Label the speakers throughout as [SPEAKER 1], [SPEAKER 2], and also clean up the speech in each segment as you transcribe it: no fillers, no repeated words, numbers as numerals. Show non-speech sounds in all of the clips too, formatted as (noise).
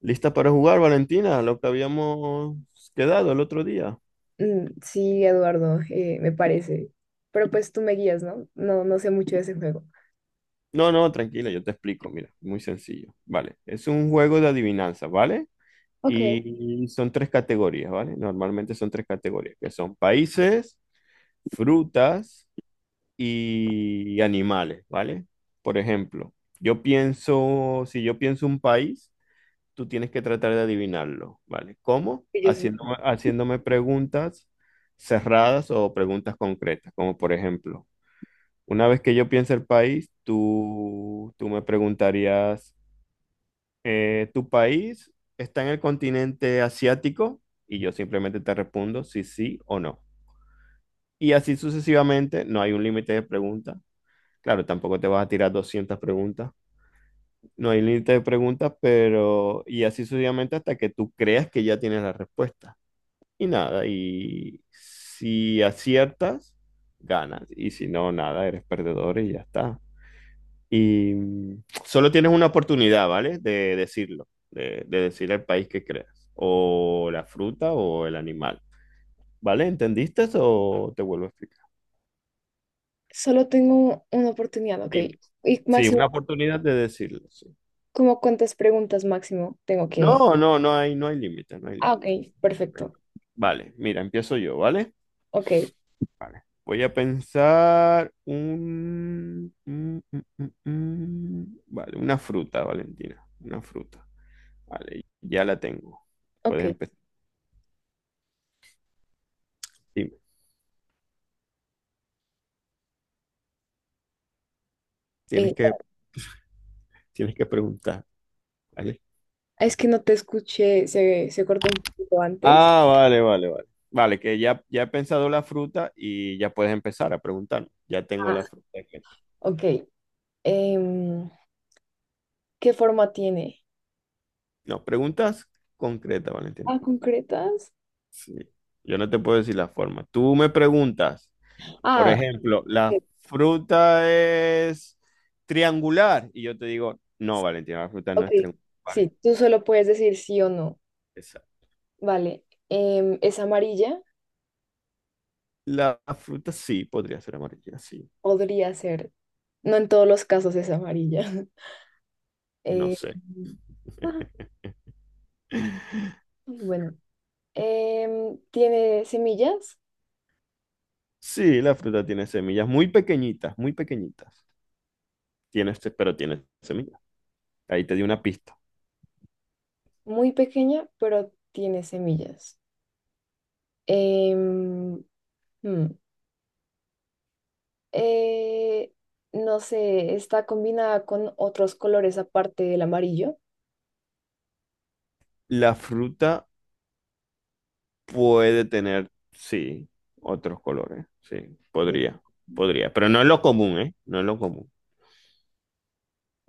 [SPEAKER 1] ¿Lista para jugar, Valentina? Lo que habíamos quedado el otro día.
[SPEAKER 2] Sí, Eduardo, me parece. Pero pues tú me guías, ¿no? No sé mucho de ese juego.
[SPEAKER 1] No, no, tranquila, yo te explico, mira, muy sencillo. Vale, es un juego de adivinanza, ¿vale?
[SPEAKER 2] Ok,
[SPEAKER 1] Y son tres categorías, ¿vale? Normalmente son tres categorías, que son países, frutas y animales, ¿vale? Por ejemplo, yo pienso, si yo pienso un país, tú tienes que tratar de adivinarlo, ¿vale? ¿Cómo?
[SPEAKER 2] yo sí.
[SPEAKER 1] Haciéndome preguntas cerradas o preguntas concretas, como por ejemplo, una vez que yo piense el país, tú me preguntarías, ¿tu país está en el continente asiático? Y yo simplemente te respondo si sí o no. Y así sucesivamente, no hay un límite de preguntas. Claro, tampoco te vas a tirar 200 preguntas. No hay límite de preguntas, pero... Y así sucesivamente hasta que tú creas que ya tienes la respuesta. Y nada, y si aciertas, ganas. Y si no, nada, eres perdedor y ya está. Y solo tienes una oportunidad, ¿vale? De decirlo, de decir el país que creas, o la fruta o el animal, ¿vale? ¿Entendiste o te vuelvo a explicar?
[SPEAKER 2] Solo tengo una oportunidad, ok.
[SPEAKER 1] Sí,
[SPEAKER 2] Y
[SPEAKER 1] sí, una
[SPEAKER 2] máximo,
[SPEAKER 1] oportunidad de decirlo, sí.
[SPEAKER 2] ¿cómo cuántas preguntas máximo tengo que...?
[SPEAKER 1] No, no, no hay límite, no hay
[SPEAKER 2] Ah,
[SPEAKER 1] límite.
[SPEAKER 2] ok, perfecto.
[SPEAKER 1] Vale, mira, empiezo yo, ¿vale?
[SPEAKER 2] Ok,
[SPEAKER 1] Vale. Voy a pensar Vale, una fruta, Valentina. Una fruta. Vale, ya la tengo.
[SPEAKER 2] ok.
[SPEAKER 1] Puedes empezar. Dime. Tienes
[SPEAKER 2] Eh,
[SPEAKER 1] que, tienes que preguntar. ¿Vale?
[SPEAKER 2] es que no te escuché, se cortó un poquito antes.
[SPEAKER 1] Ah, vale, vale, vale. Vale, que ya he pensado la fruta y ya puedes empezar a preguntar. Ya tengo
[SPEAKER 2] Ah,
[SPEAKER 1] la fruta en mente.
[SPEAKER 2] ok. Em, ¿Qué forma tiene?
[SPEAKER 1] No, preguntas concretas,
[SPEAKER 2] Ah,
[SPEAKER 1] Valentina.
[SPEAKER 2] concretas.
[SPEAKER 1] Sí. Yo no te puedo decir la forma. Tú me preguntas. Por
[SPEAKER 2] Ah,
[SPEAKER 1] ejemplo, la
[SPEAKER 2] ok.
[SPEAKER 1] fruta es triangular. Y yo te digo, no, Valentina, la fruta no
[SPEAKER 2] ok.
[SPEAKER 1] es triangular.
[SPEAKER 2] Sí,
[SPEAKER 1] Vale,
[SPEAKER 2] tú solo puedes decir sí o no.
[SPEAKER 1] esa-
[SPEAKER 2] Vale, ¿es amarilla?
[SPEAKER 1] la fruta sí podría ser amarilla, sí.
[SPEAKER 2] Podría ser. No en todos los casos es amarilla. (laughs)
[SPEAKER 1] No
[SPEAKER 2] Eh,
[SPEAKER 1] sé.
[SPEAKER 2] ah,
[SPEAKER 1] (laughs)
[SPEAKER 2] bueno, tiene semillas,
[SPEAKER 1] Sí, la fruta tiene semillas muy pequeñitas, muy pequeñitas. Pero tiene semillas. Ahí te di una pista.
[SPEAKER 2] muy pequeña, pero tiene semillas. Em, hmm, eh, no sé, está combinada con otros colores aparte del amarillo.
[SPEAKER 1] La fruta puede tener, sí, otros colores. Sí,
[SPEAKER 2] Di-
[SPEAKER 1] podría, podría. Pero no es lo común, ¿eh? No es lo común.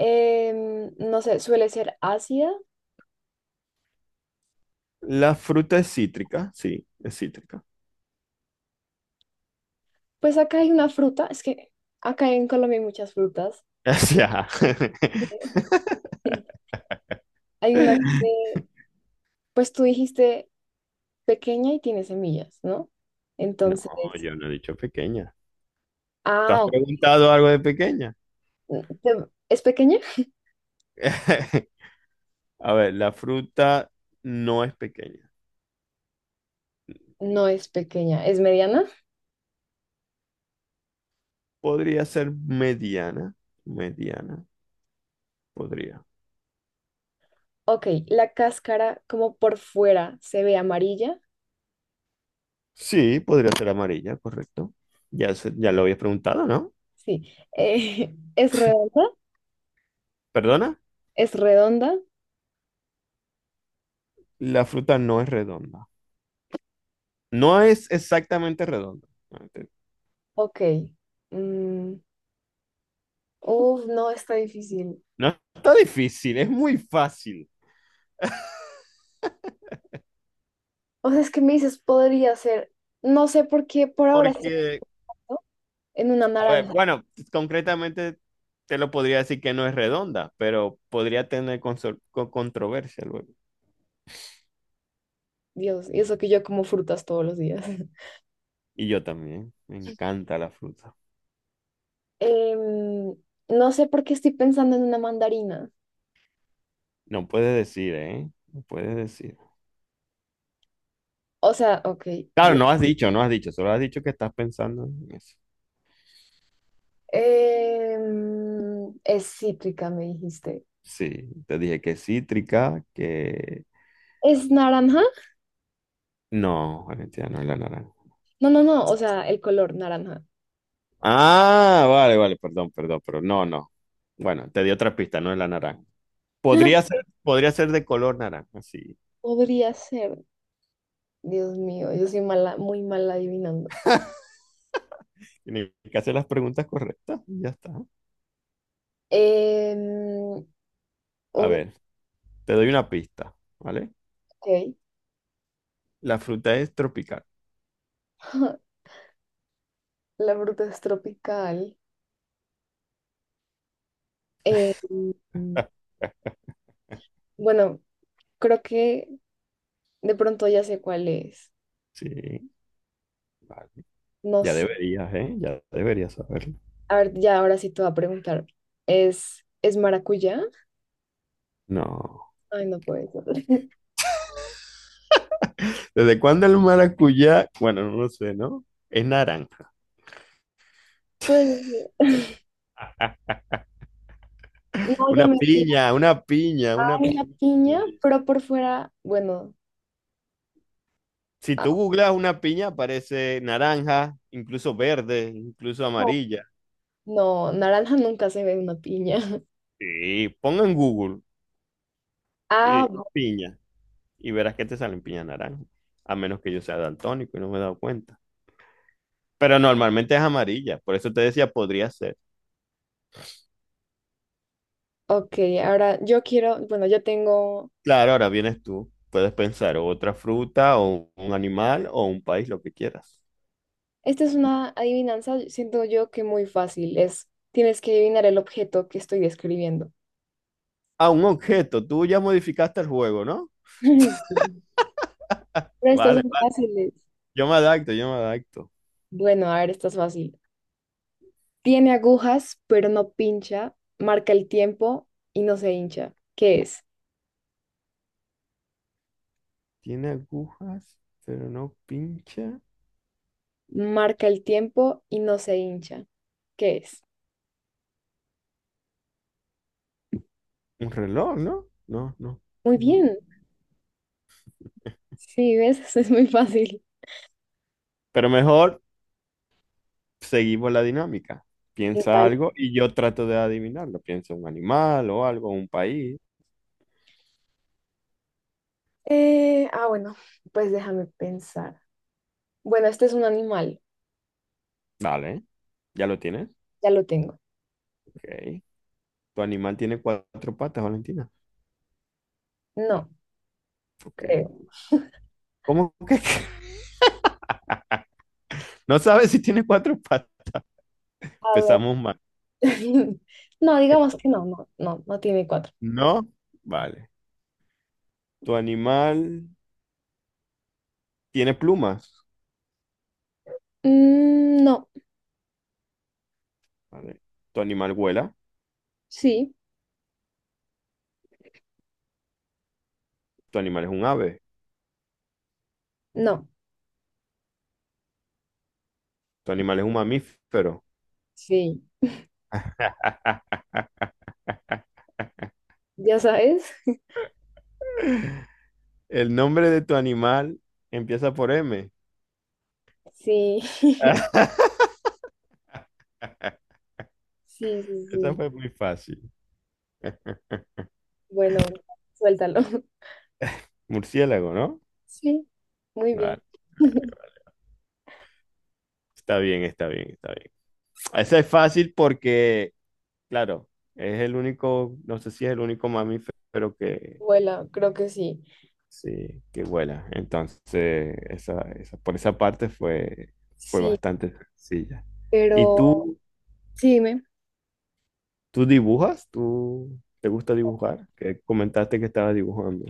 [SPEAKER 2] No sé, suele ser ácida.
[SPEAKER 1] La fruta es cítrica, sí, es cítrica.
[SPEAKER 2] Pues acá hay una fruta, es que acá en Colombia hay muchas frutas.
[SPEAKER 1] (laughs) Ya.
[SPEAKER 2] (laughs) Hay una que, pues tú dijiste pequeña y tiene semillas, ¿no?
[SPEAKER 1] No,
[SPEAKER 2] Entonces,
[SPEAKER 1] yo no he dicho pequeña. ¿Tú has
[SPEAKER 2] ah, ok.
[SPEAKER 1] preguntado algo de pequeña?
[SPEAKER 2] Te- ¿es pequeña?
[SPEAKER 1] (laughs) A ver, la fruta no es pequeña.
[SPEAKER 2] No es pequeña, ¿es mediana?
[SPEAKER 1] Podría ser mediana. Mediana, podría.
[SPEAKER 2] Ok, la cáscara como por fuera se ve amarilla,
[SPEAKER 1] Sí, podría ser amarilla, correcto. Ya, ya lo habías preguntado, ¿no?
[SPEAKER 2] sí. (laughs) ¿Es redonda?
[SPEAKER 1] ¿Perdona?
[SPEAKER 2] ¿Es redonda?
[SPEAKER 1] La fruta no es redonda. No es exactamente redonda. No,
[SPEAKER 2] Ok. Mm, uf, no, está difícil.
[SPEAKER 1] no está difícil, es muy fácil.
[SPEAKER 2] O sea, es que me dices, podría ser, no sé por qué por ahora sí,
[SPEAKER 1] Porque
[SPEAKER 2] ¿no? En una
[SPEAKER 1] a ver,
[SPEAKER 2] naranja.
[SPEAKER 1] bueno, concretamente te lo podría decir que no es redonda, pero podría tener controversia luego.
[SPEAKER 2] Dios, y eso que yo como frutas todos los días.
[SPEAKER 1] Y yo también, me encanta la fruta.
[SPEAKER 2] Em, no sé por qué estoy pensando en una mandarina.
[SPEAKER 1] No puedes decir, ¿eh? No puedes decir.
[SPEAKER 2] O sea, ok,
[SPEAKER 1] Claro,
[SPEAKER 2] Dios.
[SPEAKER 1] no has dicho, no has dicho, solo has dicho que estás pensando en eso.
[SPEAKER 2] Es cítrica, me dijiste.
[SPEAKER 1] Sí, te dije que cítrica, que...
[SPEAKER 2] ¿Es naranja?
[SPEAKER 1] No, Valentina, no es la naranja.
[SPEAKER 2] No, no, no, o sea, el color naranja.
[SPEAKER 1] Ah, vale, vale, perdón, perdón, pero no, no. Bueno, te di otra pista, no es la naranja.
[SPEAKER 2] (laughs)
[SPEAKER 1] Podría ser de color naranja, sí.
[SPEAKER 2] Podría ser. Dios mío, yo soy mala, muy mala adivinando.
[SPEAKER 1] Tienes que hacer las preguntas correctas y ya está.
[SPEAKER 2] Em,
[SPEAKER 1] A
[SPEAKER 2] uy,
[SPEAKER 1] ver, te doy una pista, ¿vale?
[SPEAKER 2] ok.
[SPEAKER 1] La fruta es tropical.
[SPEAKER 2] (laughs) La fruta es tropical. Em, bueno, creo que de pronto ya sé cuál es.
[SPEAKER 1] Sí, vale.
[SPEAKER 2] No.
[SPEAKER 1] Ya deberías, ¿eh? Ya deberías saberlo.
[SPEAKER 2] A ver, ya ahora sí te voy a preguntar. Es maracuyá?
[SPEAKER 1] No.
[SPEAKER 2] Ay, no puede ser. (laughs)
[SPEAKER 1] ¿Desde cuándo el maracuyá? Bueno, no lo sé, ¿no? Es naranja.
[SPEAKER 2] Pues, (laughs) no, ya
[SPEAKER 1] Una
[SPEAKER 2] me
[SPEAKER 1] piña, una piña, una
[SPEAKER 2] en la piña,
[SPEAKER 1] piña.
[SPEAKER 2] pero por fuera, bueno,
[SPEAKER 1] Si
[SPEAKER 2] ah,
[SPEAKER 1] tú googlas una piña, aparece naranja, incluso verde, incluso amarilla.
[SPEAKER 2] no, naranja nunca se ve una piña. (laughs)
[SPEAKER 1] Sí, ponga en Google
[SPEAKER 2] Ah,
[SPEAKER 1] piña. Y verás que te salen piña naranja, a menos que yo sea daltónico y no me he dado cuenta. Pero normalmente es amarilla, por eso te decía, podría ser.
[SPEAKER 2] ok, ahora yo quiero, bueno, yo tengo,
[SPEAKER 1] Claro, ahora vienes tú, puedes pensar otra fruta o un animal o un país, lo que quieras.
[SPEAKER 2] esta es una adivinanza, siento yo que muy fácil, es, tienes que adivinar el objeto que estoy describiendo.
[SPEAKER 1] Ah, un objeto, tú ya modificaste el juego, ¿no?
[SPEAKER 2] (laughs) Sí. Pero estas
[SPEAKER 1] Vale,
[SPEAKER 2] son
[SPEAKER 1] vale,
[SPEAKER 2] fáciles.
[SPEAKER 1] yo me adapto, yo me adapto.
[SPEAKER 2] Bueno, a ver, esta es fácil. Tiene agujas, pero no pincha. Marca el tiempo y no se hincha. ¿Qué es?
[SPEAKER 1] Tiene agujas, pero no pincha.
[SPEAKER 2] Marca el tiempo y no se hincha. ¿Qué es?
[SPEAKER 1] Un reloj, ¿no? No, no,
[SPEAKER 2] Muy
[SPEAKER 1] no.
[SPEAKER 2] bien. Sí, ves, (laughs) eso es muy fácil.
[SPEAKER 1] Pero mejor seguimos la dinámica.
[SPEAKER 2] ¿Qué
[SPEAKER 1] Piensa
[SPEAKER 2] tal?
[SPEAKER 1] algo y yo trato de adivinarlo. Piensa un animal o algo, un país.
[SPEAKER 2] Bueno, pues déjame pensar. Bueno, este es un animal.
[SPEAKER 1] Vale, ¿ya lo tienes?
[SPEAKER 2] Ya lo tengo.
[SPEAKER 1] Ok. ¿Tu animal tiene cuatro patas, Valentina?
[SPEAKER 2] No, creo.
[SPEAKER 1] Ok. ¿Cómo que? (laughs) No sabes si tiene cuatro patas.
[SPEAKER 2] A ver.
[SPEAKER 1] Empezamos mal.
[SPEAKER 2] (laughs) No, digamos que no, no tiene cuatro.
[SPEAKER 1] No, vale. ¿Tu animal tiene plumas?
[SPEAKER 2] No,
[SPEAKER 1] Vale. ¿Tu animal vuela?
[SPEAKER 2] sí,
[SPEAKER 1] ¿Tu animal es un ave?
[SPEAKER 2] no,
[SPEAKER 1] ¿Tu animal es un mamífero?
[SPEAKER 2] sí.
[SPEAKER 1] (laughs)
[SPEAKER 2] ¿Ya sabes? (laughs)
[SPEAKER 1] ¿El nombre de tu animal empieza por M?
[SPEAKER 2] Sí, (laughs) sí,
[SPEAKER 1] (laughs)
[SPEAKER 2] sí,
[SPEAKER 1] Esa
[SPEAKER 2] sí.
[SPEAKER 1] fue muy fácil. (laughs)
[SPEAKER 2] Bueno, suéltalo. (laughs)
[SPEAKER 1] Murciélago, ¿no?
[SPEAKER 2] Sí, muy bien.
[SPEAKER 1] Claro,
[SPEAKER 2] (laughs)
[SPEAKER 1] claro. Está bien, está bien, está bien. Esa es fácil porque, claro, es el único, no sé si es el único mamífero que,
[SPEAKER 2] Vuela, creo que sí.
[SPEAKER 1] sí, que vuela. Entonces, por esa parte fue
[SPEAKER 2] Sí,
[SPEAKER 1] bastante sencilla. ¿Y
[SPEAKER 2] pero
[SPEAKER 1] tú,
[SPEAKER 2] sí, dime.
[SPEAKER 1] tú dibujas? ¿Tú te gusta dibujar? Que comentaste que estabas dibujando.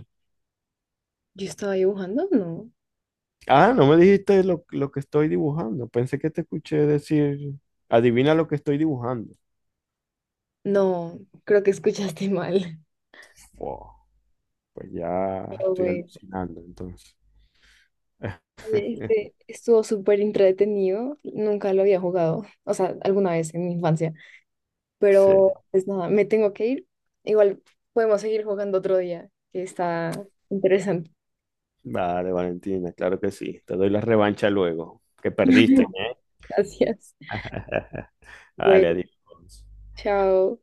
[SPEAKER 2] ¿Yo estaba dibujando? No.
[SPEAKER 1] Ah, no me dijiste lo que estoy dibujando. Pensé que te escuché decir, adivina lo que estoy dibujando.
[SPEAKER 2] No, creo que escuchaste mal. (laughs)
[SPEAKER 1] Wow, pues ya
[SPEAKER 2] Pero
[SPEAKER 1] estoy
[SPEAKER 2] bueno,
[SPEAKER 1] alucinando entonces.
[SPEAKER 2] oye, este
[SPEAKER 1] (laughs)
[SPEAKER 2] estuvo súper entretenido. Nunca lo había jugado, o sea, alguna vez en mi infancia. Pero
[SPEAKER 1] Sí,
[SPEAKER 2] pues nada, me tengo que ir. Igual podemos seguir jugando otro día, que está interesante.
[SPEAKER 1] vale, Valentina, claro que sí. Te doy la revancha luego, que perdiste, ¿eh?
[SPEAKER 2] (laughs) Gracias.
[SPEAKER 1] (laughs) Vale,
[SPEAKER 2] Bueno,
[SPEAKER 1] adiós.
[SPEAKER 2] chao.